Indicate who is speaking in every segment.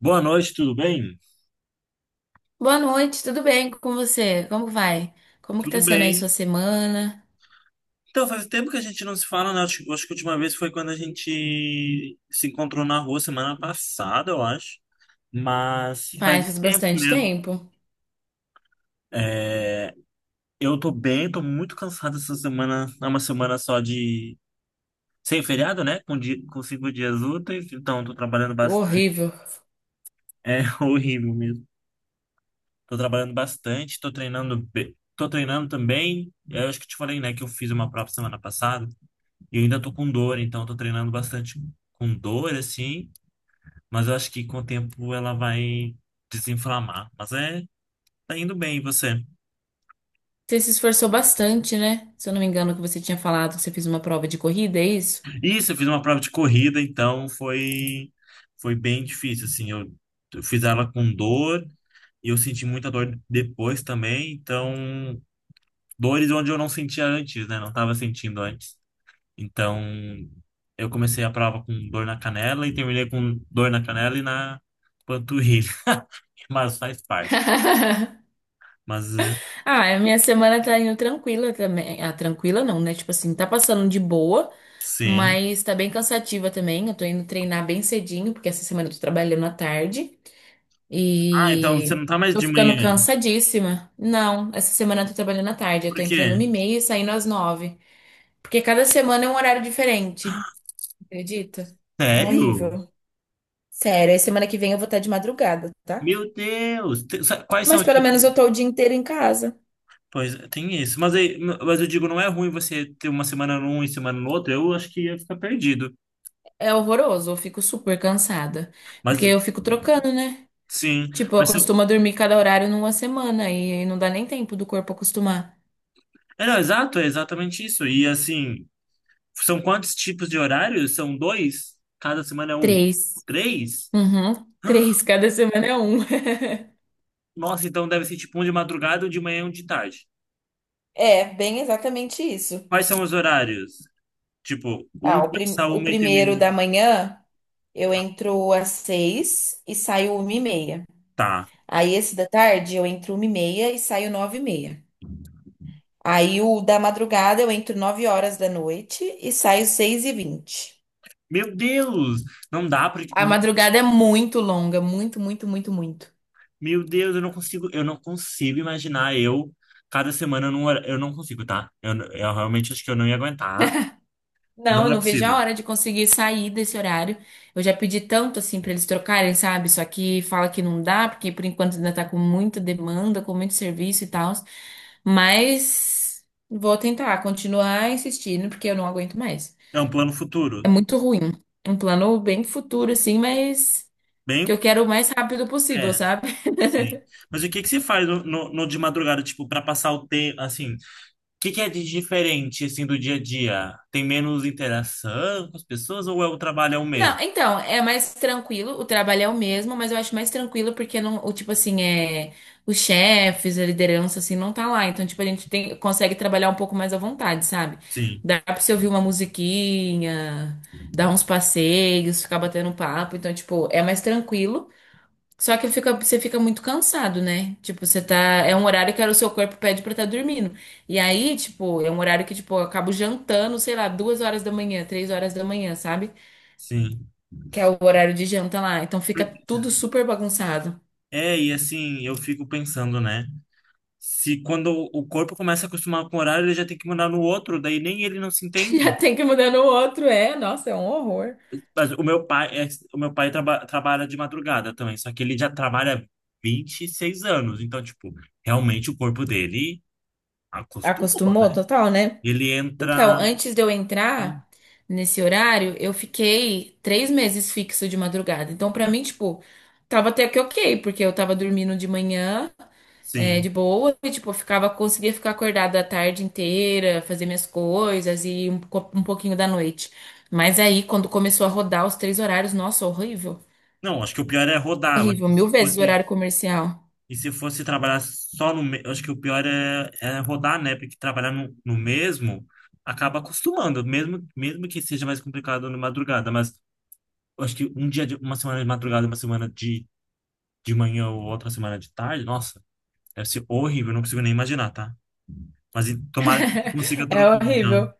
Speaker 1: Boa noite, tudo bem?
Speaker 2: Boa noite, tudo bem com você? Como vai? Como que tá
Speaker 1: Tudo
Speaker 2: sendo aí sua
Speaker 1: bem?
Speaker 2: semana?
Speaker 1: Então, faz tempo que a gente não se fala, né? Acho que a última vez foi quando a gente se encontrou na rua semana passada, eu acho. Mas faz
Speaker 2: Pai,
Speaker 1: um
Speaker 2: faz
Speaker 1: tempo
Speaker 2: bastante
Speaker 1: mesmo.
Speaker 2: tempo.
Speaker 1: É, eu tô bem, tô muito cansado essa semana. É uma semana só de... Sem feriado, né? Com 5 dias úteis. Então, tô trabalhando bastante.
Speaker 2: Horrível.
Speaker 1: É horrível mesmo. Tô trabalhando bastante, tô treinando também. Eu acho que te falei, né? Que eu fiz uma prova semana passada. E eu ainda tô com dor, então eu tô treinando bastante com dor, assim, mas eu acho que com o tempo ela vai desinflamar. Mas é, tá indo bem, e você?
Speaker 2: Você se esforçou bastante, né? Se eu não me engano, que você tinha falado que você fez uma prova de corrida, é isso?
Speaker 1: Isso, eu fiz uma prova de corrida, então foi, foi bem difícil, assim, eu fiz ela com dor e eu senti muita dor depois também, então, dores onde eu não sentia antes, né, não tava sentindo antes. Então, eu comecei a prova com dor na canela e terminei com dor na canela e na panturrilha, mas faz parte. Mas eh,
Speaker 2: Ah, a minha semana tá indo tranquila também. Ah, tranquila não, né? Tipo assim, tá passando de boa,
Speaker 1: sim.
Speaker 2: mas tá bem cansativa também. Eu tô indo treinar bem cedinho, porque essa semana eu tô trabalhando à tarde.
Speaker 1: Ah, então você
Speaker 2: E
Speaker 1: não tá mais
Speaker 2: tô
Speaker 1: de manhã.
Speaker 2: ficando cansadíssima. Não, essa semana eu tô trabalhando à tarde. Eu
Speaker 1: Por
Speaker 2: tô
Speaker 1: quê?
Speaker 2: entrando 1h30 e saindo às 9h. Porque cada semana é um horário diferente. Acredita? É
Speaker 1: Sério?
Speaker 2: horrível. Sério, aí semana que vem eu vou estar de madrugada, tá?
Speaker 1: Meu Deus! Quais são
Speaker 2: Mas
Speaker 1: os
Speaker 2: pelo
Speaker 1: tipos
Speaker 2: menos eu
Speaker 1: de...
Speaker 2: tô o dia inteiro em casa.
Speaker 1: Pois é, tem isso. Mas eu digo, não é ruim você ter uma semana num e semana no outro. Eu acho que ia ficar perdido.
Speaker 2: É horroroso, eu fico super cansada. Porque
Speaker 1: Mas
Speaker 2: eu fico trocando, né?
Speaker 1: sim.
Speaker 2: Tipo, eu
Speaker 1: Mas se-
Speaker 2: acostumo dormir cada horário numa semana e não dá nem tempo do corpo acostumar.
Speaker 1: É, não, exato, é exatamente isso. E assim, são quantos tipos de horários? São dois? Cada semana é um?
Speaker 2: Três.
Speaker 1: Três?
Speaker 2: Uhum, três. Cada semana é um.
Speaker 1: Nossa, então deve ser tipo um de madrugada, um de manhã e um de tarde.
Speaker 2: É, bem exatamente isso.
Speaker 1: Quais são os horários? Tipo, um
Speaker 2: Ah, o,
Speaker 1: começa
Speaker 2: prim-
Speaker 1: a
Speaker 2: o
Speaker 1: uma e
Speaker 2: primeiro da
Speaker 1: termina.
Speaker 2: manhã eu entro às 6h e saio 1h30.
Speaker 1: Tá.
Speaker 2: Aí esse da tarde eu entro 1h30 e saio 9h30. Aí o da madrugada eu entro 9h da noite e saio 6h20.
Speaker 1: Meu Deus, não dá porque
Speaker 2: A
Speaker 1: não-
Speaker 2: madrugada é muito longa, muito, muito, muito, muito.
Speaker 1: meu Deus, eu não consigo imaginar eu cada semana num hora- eu não consigo, tá? Eu realmente acho que eu não ia aguentar.
Speaker 2: Não,
Speaker 1: Não
Speaker 2: eu
Speaker 1: é
Speaker 2: não vejo a
Speaker 1: possível.
Speaker 2: hora de conseguir sair desse horário. Eu já pedi tanto assim pra eles trocarem, sabe? Só que fala que não dá, porque por enquanto ainda tá com muita demanda, com muito serviço e tal. Mas vou tentar continuar insistindo, porque eu não aguento mais.
Speaker 1: É um plano
Speaker 2: É
Speaker 1: futuro.
Speaker 2: muito ruim. Um plano bem futuro, assim, mas que
Speaker 1: Bem,
Speaker 2: eu quero o mais rápido possível,
Speaker 1: é,
Speaker 2: sabe?
Speaker 1: sim. Mas o que que você faz no de madrugada, tipo, para passar o tempo, assim? O que que é de diferente assim do dia a dia? Tem menos interação com as pessoas ou é o trabalho é o mesmo?
Speaker 2: Não, então, é mais tranquilo, o trabalho é o mesmo, mas eu acho mais tranquilo porque não, o tipo assim, é, os chefes, a liderança assim não tá lá, então tipo a gente tem, consegue trabalhar um pouco mais à vontade, sabe?
Speaker 1: Sim,
Speaker 2: Dá pra você ouvir uma musiquinha, dar uns passeios, ficar batendo um papo, então tipo, é mais tranquilo. Só que fica, você fica muito cansado, né? Tipo, você tá. É um horário que o seu corpo pede pra estar dormindo. E aí, tipo, é um horário que, tipo, eu acabo jantando, sei lá, 2h da manhã, 3h da manhã, sabe?
Speaker 1: sim.
Speaker 2: Que é o horário de janta lá. Então fica
Speaker 1: Por-
Speaker 2: tudo super bagunçado.
Speaker 1: É, e assim, eu fico pensando, né? Se quando o corpo começa a acostumar com o horário, ele já tem que mudar no outro, daí nem ele não se
Speaker 2: Já
Speaker 1: entende.
Speaker 2: tem que mudar no outro, é. Nossa, é um horror.
Speaker 1: Mas o meu pai, é, o meu pai trabalha de madrugada também, só que ele já trabalha 26 anos, então, tipo, realmente o corpo dele acostumou,
Speaker 2: Acostumou
Speaker 1: né?
Speaker 2: total, né?
Speaker 1: Ele
Speaker 2: Então,
Speaker 1: entra.
Speaker 2: antes de eu entrar nesse horário, eu fiquei 3 meses fixo de madrugada. Então, pra mim, tipo, tava até que ok, porque eu tava dormindo de manhã, é, de
Speaker 1: Sim.
Speaker 2: boa, e, tipo, eu ficava, conseguia ficar acordada a tarde inteira, fazer minhas coisas e um pouquinho da noite. Mas aí, quando começou a rodar os três horários, nossa, horrível.
Speaker 1: Não, acho que o pior é rodar. Eu acho
Speaker 2: Horrível,
Speaker 1: que
Speaker 2: mil
Speaker 1: se
Speaker 2: vezes o
Speaker 1: fosse.
Speaker 2: horário comercial.
Speaker 1: E se fosse trabalhar só no. me- Eu acho que o pior é, é rodar, né? Porque trabalhar no, no mesmo acaba acostumando, mesmo, mesmo que seja mais complicado na madrugada. Mas eu acho que um dia, de, uma semana de madrugada, uma semana de manhã ou outra semana de tarde, nossa, deve ser horrível, não consigo nem imaginar, tá? Tomara que você consiga
Speaker 2: É
Speaker 1: trocar, então.
Speaker 2: horrível.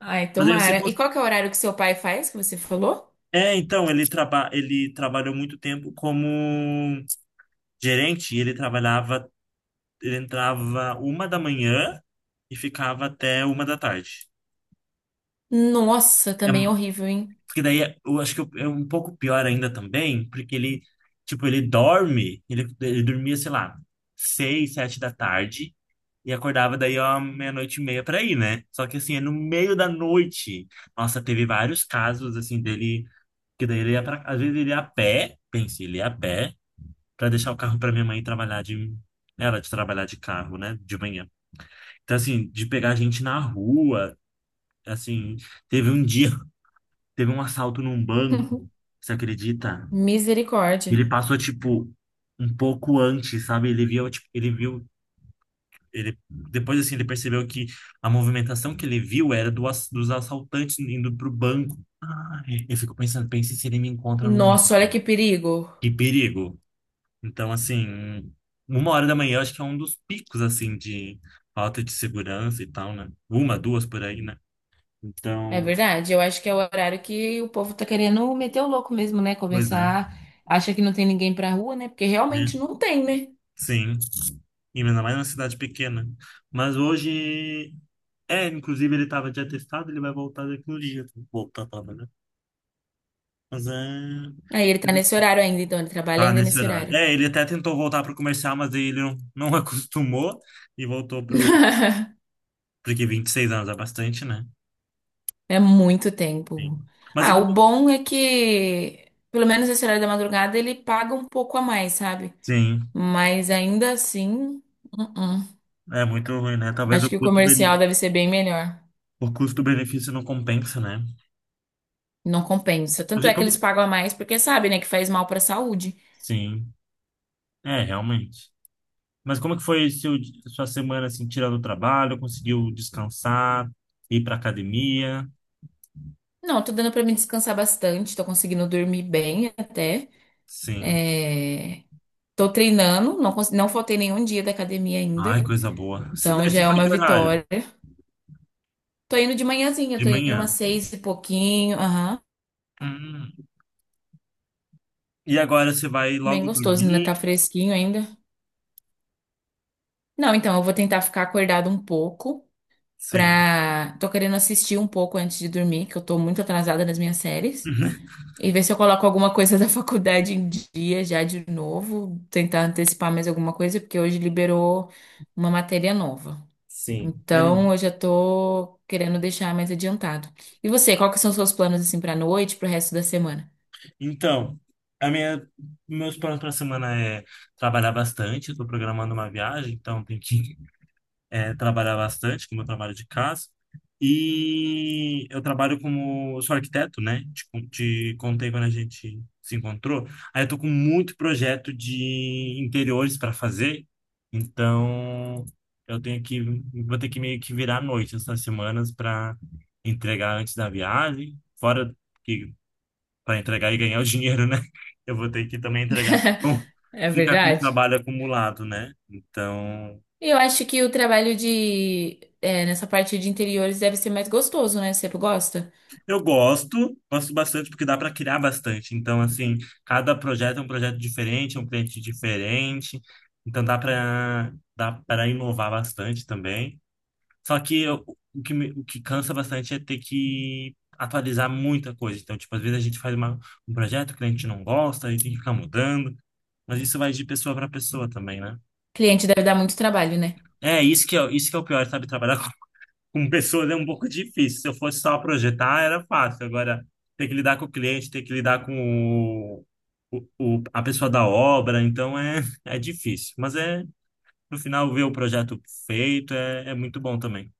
Speaker 2: Ai,
Speaker 1: Mas aí você...
Speaker 2: tomara. E
Speaker 1: cons-
Speaker 2: qual que é o horário que seu pai faz, que você falou?
Speaker 1: É, então, ele, traba, ele trabalhou muito tempo como gerente, e ele trabalhava, ele entrava 1 da manhã e ficava até 1 da tarde.
Speaker 2: Nossa,
Speaker 1: É,
Speaker 2: também horrível, hein?
Speaker 1: porque daí, eu acho que é um pouco pior ainda também, porque ele, tipo, ele dorme, ele dormia, sei lá, seis, sete da tarde, e acordava daí, ó, meia-noite e meia pra ir, né? Só que assim, é no meio da noite. Nossa, teve vários casos, assim, dele. Que daí ele ia pra... Às vezes ele ia a pé, pense, ele ia a pé, pra deixar o carro pra minha mãe trabalhar de... Ela de trabalhar de carro, né? De manhã. Então, assim, de pegar gente na rua, assim... Teve um dia, teve um assalto num banco, você acredita? Ele
Speaker 2: Misericórdia.
Speaker 1: passou, tipo, um pouco antes, sabe? Ele viu, tipo, ele viu ele, depois, assim, ele percebeu que a movimentação que ele viu era dos assaltantes indo pro banco. Ai, eu fico pensando, pense se ele me encontra no meio,
Speaker 2: Nossa, olha
Speaker 1: né?
Speaker 2: que perigo.
Speaker 1: Que perigo. Então, assim, um, 1 hora da manhã, eu acho que é um dos picos, assim, de falta de segurança e tal, né? Uma, duas por aí, né?
Speaker 2: É
Speaker 1: Então,
Speaker 2: verdade, eu acho que é o horário que o povo tá querendo meter o louco mesmo, né?
Speaker 1: pois é.
Speaker 2: Começar, acha que não tem ninguém pra rua, né? Porque
Speaker 1: Né?
Speaker 2: realmente não tem, né?
Speaker 1: Sim. E ainda mais numa cidade pequena. Mas hoje... É, inclusive ele tava de atestado, ele vai voltar daqui no dia. Voltar tava, né? Mas é...
Speaker 2: Aí ele tá nesse horário ainda, então ele trabalha
Speaker 1: Ah,
Speaker 2: ainda
Speaker 1: nesse
Speaker 2: nesse
Speaker 1: horário.
Speaker 2: horário.
Speaker 1: É, ele até tentou voltar pro comercial, mas aí ele não, não acostumou e voltou pro. Porque 26 anos é bastante, né?
Speaker 2: É muito
Speaker 1: Sim.
Speaker 2: tempo.
Speaker 1: Mas e
Speaker 2: Ah,
Speaker 1: como...
Speaker 2: o bom é que, pelo menos esse horário da madrugada, ele paga um pouco a mais, sabe?
Speaker 1: Sim,
Speaker 2: Mas ainda assim, uh-uh.
Speaker 1: é muito ruim, né? Talvez
Speaker 2: Acho que o comercial deve ser bem melhor.
Speaker 1: o custo-benefício não compensa, né?
Speaker 2: Não compensa.
Speaker 1: Mas
Speaker 2: Tanto
Speaker 1: e
Speaker 2: é que
Speaker 1: como.
Speaker 2: eles pagam a mais porque sabe, né, que faz mal pra saúde.
Speaker 1: Sim, é, realmente. Mas como que foi sua semana, assim, tirando o trabalho? Conseguiu descansar, ir pra academia?
Speaker 2: Não, tô dando pra me descansar bastante, tô conseguindo dormir bem até.
Speaker 1: Sim.
Speaker 2: É... Tô treinando, não, não faltei nenhum dia da academia
Speaker 1: Ai,
Speaker 2: ainda.
Speaker 1: coisa boa.
Speaker 2: Então
Speaker 1: Daí
Speaker 2: já
Speaker 1: se
Speaker 2: é
Speaker 1: foi
Speaker 2: uma
Speaker 1: que horário?
Speaker 2: vitória. Tô indo de manhãzinha,
Speaker 1: De
Speaker 2: tô indo
Speaker 1: manhã.
Speaker 2: umas 6h e pouquinho.
Speaker 1: Hum. E agora você vai
Speaker 2: Bem
Speaker 1: logo
Speaker 2: gostoso, ainda tá
Speaker 1: dormir?
Speaker 2: fresquinho ainda. Não, então eu vou tentar ficar acordado um pouco
Speaker 1: Sim.
Speaker 2: pra. Tô querendo assistir um pouco antes de dormir, que eu tô muito atrasada nas minhas séries. E ver se eu coloco alguma coisa da faculdade em dia já de novo. Tentar antecipar mais alguma coisa, porque hoje liberou uma matéria nova.
Speaker 1: Sim. É,
Speaker 2: Então eu já tô querendo deixar mais adiantado. E você, quais são os seus planos assim pra noite, pro resto da semana?
Speaker 1: então, a minha, meus planos para a semana é trabalhar bastante. Estou programando uma viagem, então tem que é, trabalhar bastante com o meu trabalho de casa. E eu trabalho como, sou arquiteto, né? Te contei quando a gente se encontrou. Aí eu tô com muito projeto de interiores para fazer, então eu tenho que, vou ter que meio que virar à noite essas semanas para entregar antes da viagem, fora que para entregar e ganhar o dinheiro, né? Eu vou ter que também entregar para
Speaker 2: É
Speaker 1: ficar com o
Speaker 2: verdade?
Speaker 1: trabalho acumulado, né? Então.
Speaker 2: Eu acho que o trabalho de é, nessa parte de interiores deve ser mais gostoso, né? Você gosta?
Speaker 1: Eu gosto, gosto bastante porque dá para criar bastante. Então, assim, cada projeto é um projeto diferente, é um cliente diferente. Então, dá para inovar bastante também. Só que eu- o que o que cansa bastante é ter que atualizar muita coisa. Então, tipo, às vezes a gente um projeto, o cliente não gosta, aí tem que ficar mudando. Mas isso vai de pessoa para pessoa também, né?
Speaker 2: Cliente deve dar muito trabalho, né?
Speaker 1: É, isso que é o pior, sabe? Trabalhar com pessoas é um pouco difícil. Se eu fosse só projetar, era fácil. Agora, ter que lidar com o cliente, ter que lidar com o, o- a pessoa da obra, então é, é difícil. Mas é, no final, ver o projeto feito é, é muito bom também.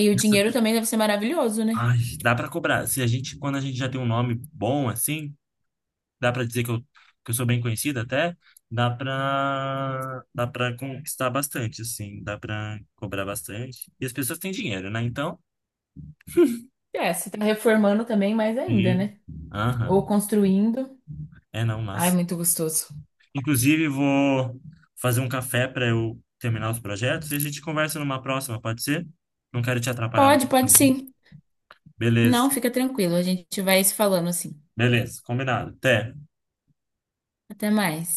Speaker 2: E o
Speaker 1: Essa-
Speaker 2: dinheiro também deve ser maravilhoso, né?
Speaker 1: Ai, dá para cobrar. Se a gente, quando a gente já tem um nome bom assim, dá para dizer que eu sou bem conhecido até, dá para conquistar bastante, assim, dá para cobrar bastante. E as pessoas têm dinheiro, né? Então,
Speaker 2: É, você tá reformando também mais ainda,
Speaker 1: sim.
Speaker 2: né? Ou
Speaker 1: Aham.
Speaker 2: construindo.
Speaker 1: É, não,
Speaker 2: Ai,
Speaker 1: mas.
Speaker 2: muito gostoso.
Speaker 1: Inclusive, vou fazer um café para eu terminar os projetos e a gente conversa numa próxima, pode ser? Não quero te atrapalhar muito.
Speaker 2: Pode, pode
Speaker 1: Também.
Speaker 2: sim. Não,
Speaker 1: Beleza,
Speaker 2: fica tranquilo. A gente vai se falando assim.
Speaker 1: beleza, combinado. Até.
Speaker 2: Até mais.